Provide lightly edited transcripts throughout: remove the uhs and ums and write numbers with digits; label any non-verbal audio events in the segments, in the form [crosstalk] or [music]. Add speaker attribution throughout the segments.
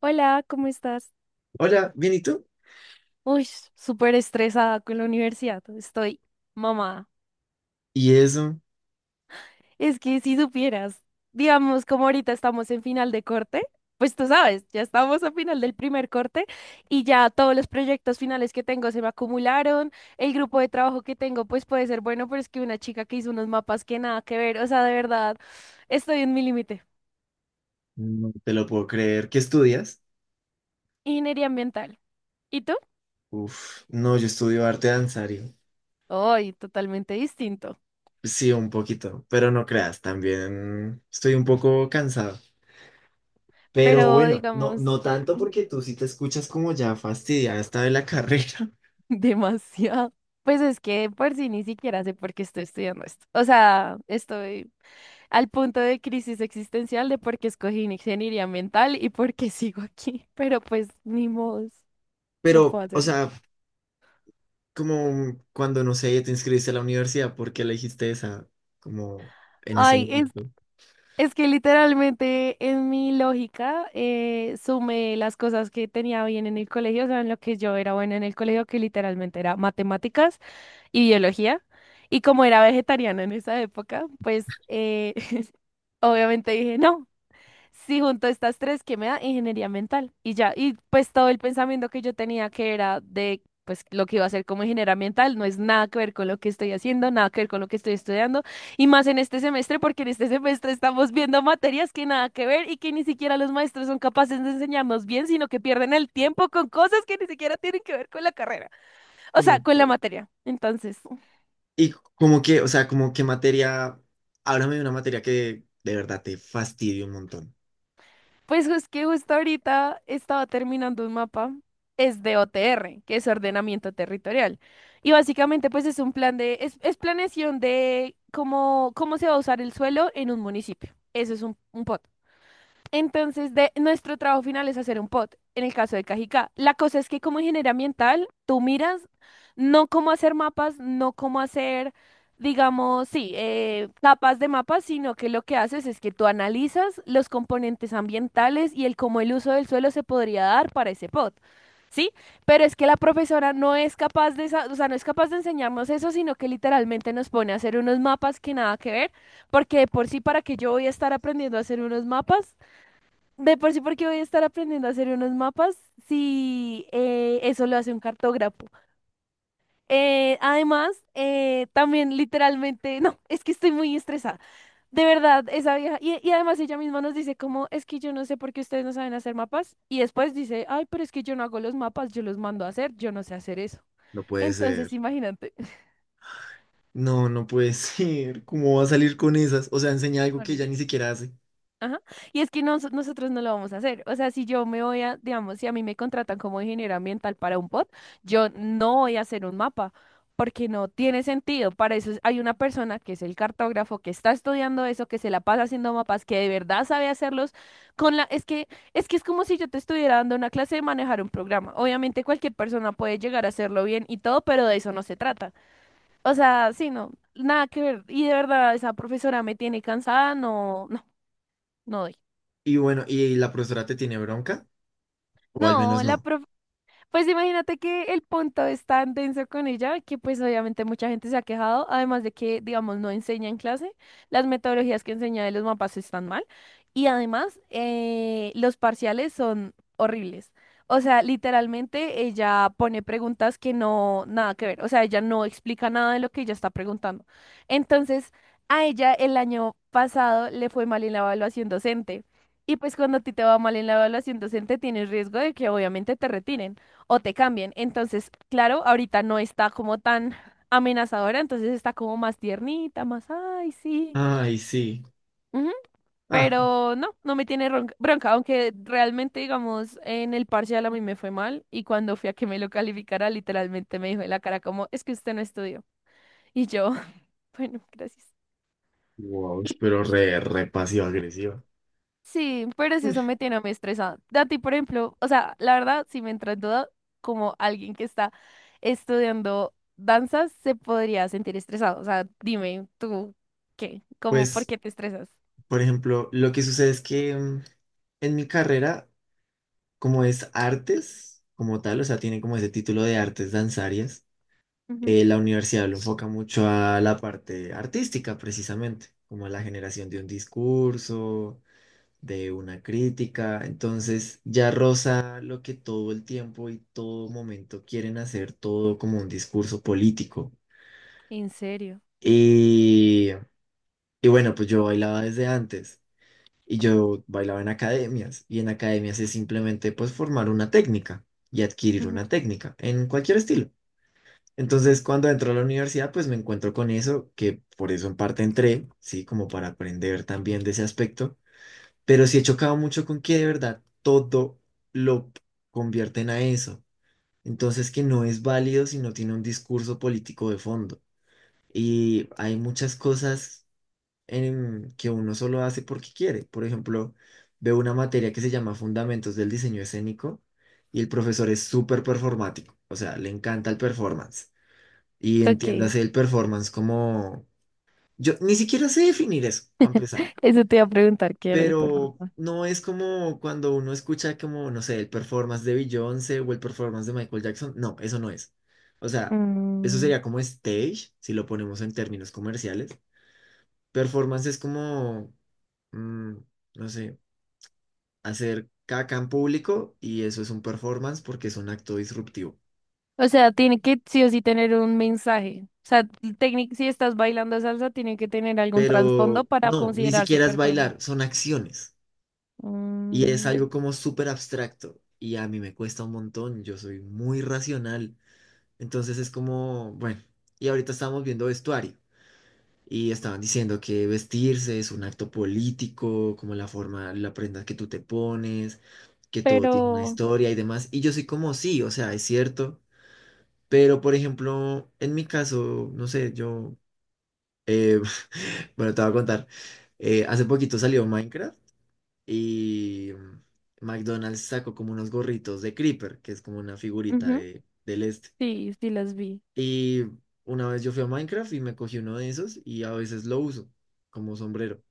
Speaker 1: Hola, ¿cómo estás?
Speaker 2: Hola, bien, ¿y tú?
Speaker 1: Uy, súper estresada con la universidad. Estoy mamá.
Speaker 2: ¿Y eso?
Speaker 1: Es que si supieras, digamos, como ahorita estamos en final de corte, pues tú sabes, ya estamos a final del primer corte y ya todos los proyectos finales que tengo se me acumularon. El grupo de trabajo que tengo, pues puede ser bueno, pero es que una chica que hizo unos mapas que nada que ver. O sea, de verdad, estoy en mi límite.
Speaker 2: No te lo puedo creer. ¿Qué estudias?
Speaker 1: Ingeniería ambiental. ¿Y tú?
Speaker 2: Uf, no, yo estudio arte danzario.
Speaker 1: Hoy, totalmente distinto.
Speaker 2: Sí, un poquito, pero no creas, también estoy un poco cansado. Pero
Speaker 1: Pero
Speaker 2: bueno, no,
Speaker 1: digamos.
Speaker 2: no tanto porque tú sí te escuchas como ya fastidiada esta de la carrera. [laughs]
Speaker 1: [laughs] Demasiado. Pues es que por sí ni siquiera sé por qué estoy estudiando esto. O sea, estoy al punto de crisis existencial de por qué escogí ingeniería mental y por qué [laughs] sigo aquí. Pero pues ni modo, no
Speaker 2: Pero,
Speaker 1: puedo
Speaker 2: o
Speaker 1: hacer nada.
Speaker 2: sea, como cuando, no sé, te inscribiste a la universidad, ¿por qué elegiste esa? Como en ese
Speaker 1: Ay, es,
Speaker 2: momento.
Speaker 1: es que literalmente en mi lógica sumé las cosas que tenía bien en el colegio, o sea, en lo que yo era buena en el colegio, que literalmente era matemáticas y biología. Y como era vegetariana en esa época, pues [laughs] obviamente dije, no, si junto estas tres, ¿qué me da? Ingeniería mental. Y ya, y pues todo el pensamiento que yo tenía que era de, pues lo que iba a hacer como ingeniera ambiental, no es nada que ver con lo que estoy haciendo, nada que ver con lo que estoy estudiando, y más en este semestre, porque en este semestre estamos viendo materias que nada que ver y que ni siquiera los maestros son capaces de enseñarnos bien, sino que pierden el tiempo con cosas que ni siquiera tienen que ver con la carrera, o sea,
Speaker 2: No.
Speaker 1: con la materia. Entonces.
Speaker 2: Y como que, o sea, como que materia, háblame de una materia que de verdad te fastidie un montón.
Speaker 1: Pues es que justo ahorita estaba terminando un mapa, es de OTR, que es ordenamiento territorial. Y básicamente pues es un plan de, es planeación de cómo, cómo se va a usar el suelo en un municipio. Eso es un POT. Entonces, nuestro trabajo final es hacer un POT, en el caso de Cajicá. La cosa es que como ingeniero ambiental, tú miras no cómo hacer mapas, no cómo hacer, digamos, sí, capas de mapas, sino que lo que haces es que tú analizas los componentes ambientales y el cómo el uso del suelo se podría dar para ese POT. Sí, pero es que la profesora no es capaz de, o sea, no es capaz de enseñarnos eso, sino que literalmente nos pone a hacer unos mapas que nada que ver, porque de por sí para que yo voy a estar aprendiendo a hacer unos mapas de por sí, porque voy a estar aprendiendo a hacer unos mapas si eso lo hace un cartógrafo. Además, también literalmente, [laughs] no, es que estoy muy estresada. De verdad, esa vieja. Y además ella misma nos dice como, es que yo no sé por qué ustedes no saben hacer mapas. Y después dice, ay, pero es que yo no hago los mapas, yo los mando a hacer, yo no sé hacer eso.
Speaker 2: No puede ser.
Speaker 1: Entonces, imagínate.
Speaker 2: No, no puede [laughs] ser. ¿Cómo va a salir con esas? O sea, enseña
Speaker 1: [laughs]
Speaker 2: algo que ya
Speaker 1: Horrible.
Speaker 2: ni siquiera hace.
Speaker 1: Ajá. Y es que nosotros no lo vamos a hacer. O sea, si yo me voy a, digamos, si a mí me contratan como ingeniero ambiental para un POT, yo no voy a hacer un mapa, porque no tiene sentido. Para eso hay una persona que es el cartógrafo, que está estudiando eso, que se la pasa haciendo mapas, que de verdad sabe hacerlos con la... Es que, es que es como si yo te estuviera dando una clase de manejar un programa. Obviamente cualquier persona puede llegar a hacerlo bien y todo, pero de eso no se trata. O sea, sí, no, nada que ver. Y de verdad, esa profesora me tiene cansada, no, no, no doy.
Speaker 2: Y bueno, ¿y la profesora te tiene bronca? O al menos
Speaker 1: No, la
Speaker 2: no.
Speaker 1: prof pues imagínate que el punto es tan denso con ella que pues obviamente mucha gente se ha quejado, además de que, digamos, no enseña en clase, las metodologías que enseña de los mapas están mal y además los parciales son horribles. O sea, literalmente ella pone preguntas que no, nada que ver, o sea, ella no explica nada de lo que ella está preguntando. Entonces, a ella el año pasado le fue mal en la evaluación docente. Y pues cuando a ti te va mal en la evaluación docente, tienes riesgo de que obviamente te retiren o te cambian. Entonces, claro, ahorita no está como tan amenazadora, entonces está como más tiernita, más, ay, sí.
Speaker 2: Ay, sí.
Speaker 1: Ujú.
Speaker 2: Ah,
Speaker 1: Pero no, no me tiene bronca, aunque realmente, digamos, en el parcial a mí me fue mal y cuando fui a que me lo calificara, literalmente me dijo en la cara como, es que usted no estudió. Y yo, [laughs] bueno, gracias.
Speaker 2: wow, pero re, re pasiva agresiva.
Speaker 1: Sí, pero si eso me tiene muy estresada. A ti, por ejemplo, o sea, la verdad, si me entra en duda, como alguien que está estudiando danzas, se podría sentir estresado. O sea, dime tú, ¿qué? ¿Cómo, por
Speaker 2: Pues,
Speaker 1: qué te estresas?
Speaker 2: por ejemplo, lo que sucede es que en mi carrera, como es artes, como tal, o sea, tiene como ese título de artes danzarias,
Speaker 1: Ujú.
Speaker 2: la universidad lo enfoca mucho a la parte artística, precisamente, como a la generación de un discurso, de una crítica. Entonces, ya roza lo que todo el tiempo y todo momento quieren hacer todo como un discurso político.
Speaker 1: ¿En serio?
Speaker 2: Y, y bueno, pues yo bailaba desde antes y yo bailaba en academias, y en academias es simplemente pues formar una técnica y adquirir
Speaker 1: Ujú.
Speaker 2: una técnica en cualquier estilo. Entonces, cuando entro a la universidad, pues me encuentro con eso, que por eso en parte entré, sí, como para aprender también de ese aspecto, pero sí he chocado mucho con que de verdad todo lo convierten a eso. Entonces, que no es válido si no tiene un discurso político de fondo. Y hay muchas cosas en que uno solo hace porque quiere. Por ejemplo, veo una materia que se llama Fundamentos del Diseño Escénico y el profesor es súper performático, o sea, le encanta el performance. Y
Speaker 1: Ok.
Speaker 2: entiéndase el performance como... Yo ni siquiera sé definir eso, para empezar,
Speaker 1: [laughs] Eso te iba a preguntar qué era el
Speaker 2: pero
Speaker 1: problema.
Speaker 2: no es como cuando uno escucha como, no sé, el performance de Beyoncé o el performance de Michael Jackson. No, eso no es. O sea, eso
Speaker 1: Mm.
Speaker 2: sería como stage, si lo ponemos en términos comerciales. Performance es como, mm, no sé, hacer caca en público y eso es un performance porque es un acto disruptivo.
Speaker 1: O sea, tiene que sí o sí tener un mensaje. O sea, si estás bailando salsa, tiene que tener algún trasfondo
Speaker 2: Pero
Speaker 1: para
Speaker 2: no, ni
Speaker 1: considerarse
Speaker 2: siquiera es bailar,
Speaker 1: performance.
Speaker 2: son acciones. Y es
Speaker 1: Mm.
Speaker 2: algo como súper abstracto y a mí me cuesta un montón, yo soy muy racional. Entonces es como, bueno, y ahorita estábamos viendo vestuario y estaban diciendo que vestirse es un acto político, como la forma, la prenda que tú te pones, que todo tiene una
Speaker 1: Pero.
Speaker 2: historia y demás. Y yo soy como, sí, o sea, es cierto, pero por ejemplo, en mi caso, no sé, yo, eh, [laughs] bueno, te voy a contar, hace poquito salió Minecraft. Y McDonald's sacó como unos gorritos de Creeper, que es como una figurita
Speaker 1: Ujú.
Speaker 2: de, del este.
Speaker 1: Sí, sí las vi.
Speaker 2: Y una vez yo fui a Minecraft y me cogí uno de esos y a veces lo uso como sombrero.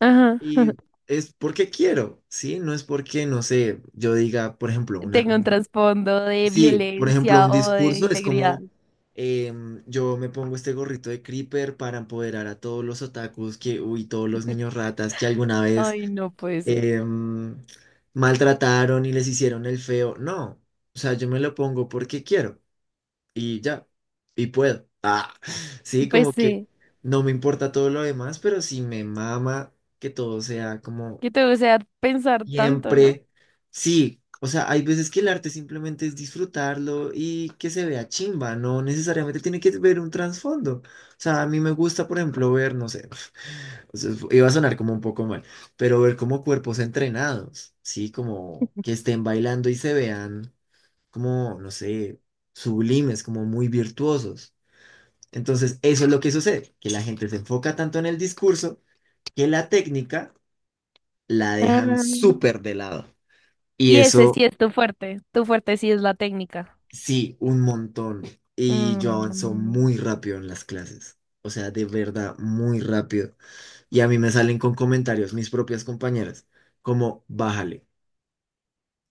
Speaker 1: Ajá.
Speaker 2: Y
Speaker 1: [laughs]
Speaker 2: es porque quiero, ¿sí? No es porque, no sé, yo diga, por ejemplo,
Speaker 1: Tengo un trasfondo de
Speaker 2: Sí, por ejemplo,
Speaker 1: violencia
Speaker 2: un
Speaker 1: o de
Speaker 2: discurso es
Speaker 1: integridad.
Speaker 2: como... yo me pongo este gorrito de Creeper para empoderar a todos los otakus que, uy, todos los niños
Speaker 1: [laughs]
Speaker 2: ratas que alguna vez
Speaker 1: Ay, no puede ser.
Speaker 2: em, maltrataron y les hicieron el feo. No, o sea, yo me lo pongo porque quiero y ya, y puedo. [laughs] Ah, sí,
Speaker 1: Pues
Speaker 2: como que
Speaker 1: sí,
Speaker 2: no me importa todo lo demás, pero sí me mama que todo sea como...
Speaker 1: que te gusta pensar tanto, ¿no?
Speaker 2: Siempre, sí, o sea, hay veces que el arte simplemente es disfrutarlo y que se vea chimba, no necesariamente tiene que ver un trasfondo. O sea, a mí me gusta, por ejemplo, ver, no sé, [laughs] o sea, iba a sonar como un poco mal, pero ver como cuerpos entrenados, sí, como que
Speaker 1: [laughs]
Speaker 2: estén bailando y se vean como, no sé, sublimes, como muy virtuosos. Entonces, eso es lo que sucede, que la gente se enfoca tanto en el discurso que la técnica la dejan
Speaker 1: Ah.
Speaker 2: súper de lado. Y
Speaker 1: Y ese
Speaker 2: eso...
Speaker 1: sí es tu fuerte. Tu fuerte sí es la técnica.
Speaker 2: Sí, un montón. Y yo avanzo
Speaker 1: Mm.
Speaker 2: muy rápido en las clases. O sea, de verdad, muy rápido. Y a mí me salen con comentarios mis propias compañeras, como, bájale.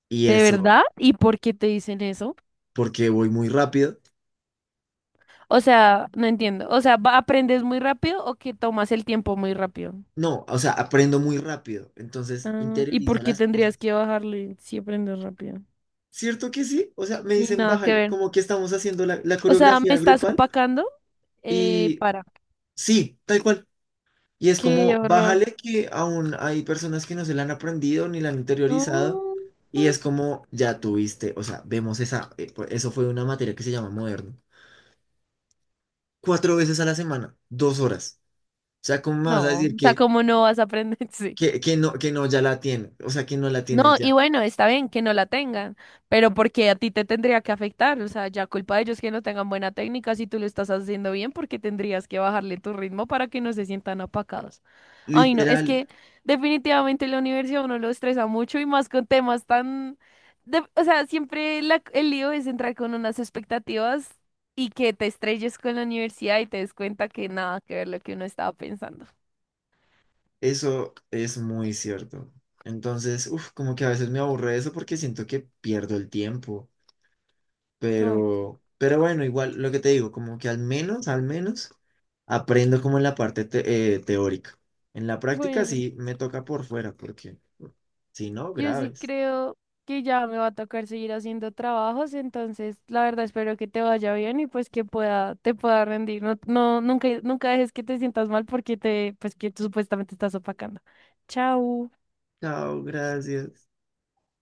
Speaker 2: Y
Speaker 1: ¿De
Speaker 2: eso,
Speaker 1: verdad? ¿Y por qué te dicen eso?
Speaker 2: porque voy muy rápido.
Speaker 1: O sea, no entiendo. O sea, ¿aprendes muy rápido o que tomas el tiempo muy rápido?
Speaker 2: No, o sea, aprendo muy rápido. Entonces,
Speaker 1: Ah, ¿y
Speaker 2: interiorizo
Speaker 1: por qué
Speaker 2: las
Speaker 1: tendrías
Speaker 2: cosas.
Speaker 1: que bajarle si aprendes rápido?
Speaker 2: ¿Cierto que sí? O sea, me
Speaker 1: Sí,
Speaker 2: dicen,
Speaker 1: nada que
Speaker 2: bájale,
Speaker 1: ver.
Speaker 2: como que estamos haciendo la
Speaker 1: O sea, me
Speaker 2: coreografía
Speaker 1: estás
Speaker 2: grupal.
Speaker 1: opacando.
Speaker 2: Y
Speaker 1: Para.
Speaker 2: sí, tal cual. Y es
Speaker 1: Qué
Speaker 2: como,
Speaker 1: horror.
Speaker 2: bájale que aún hay personas que no se la han aprendido ni la han interiorizado.
Speaker 1: No,
Speaker 2: Y
Speaker 1: ay,
Speaker 2: es como, ya tuviste, o sea, vemos esa, eso fue una materia que se llama moderno. Cuatro veces a la semana, dos horas. O sea, ¿cómo me vas a
Speaker 1: no,
Speaker 2: decir
Speaker 1: o sea,
Speaker 2: que,
Speaker 1: ¿cómo no vas a aprender? [laughs] Sí.
Speaker 2: que no ya la tienes? O sea, que no la tienes
Speaker 1: No, y
Speaker 2: ya.
Speaker 1: bueno, está bien que no la tengan, pero porque a ti te tendría que afectar, o sea, ya culpa de ellos que no tengan buena técnica, si tú lo estás haciendo bien, porque tendrías que bajarle tu ritmo para que no se sientan apacados. Ay, no, es
Speaker 2: Literal,
Speaker 1: que definitivamente la universidad a uno lo estresa mucho y más con temas tan. O sea, siempre el lío es entrar con unas expectativas y que te estrelles con la universidad y te des cuenta que nada que ver lo que uno estaba pensando.
Speaker 2: eso es muy cierto. Entonces, uff, como que a veces me aburre eso porque siento que pierdo el tiempo.
Speaker 1: Ay,
Speaker 2: Pero bueno, igual lo que te digo, como que al menos, al menos aprendo como en la parte teórica. En la práctica
Speaker 1: bueno.
Speaker 2: sí me toca por fuera, porque si no,
Speaker 1: Yo sí
Speaker 2: graves.
Speaker 1: creo que ya me va a tocar seguir haciendo trabajos, entonces la verdad espero que te vaya bien y pues que pueda, te pueda rendir. No, no, nunca, nunca dejes que te sientas mal porque te, pues que tú supuestamente estás opacando. Chao.
Speaker 2: Chao, gracias.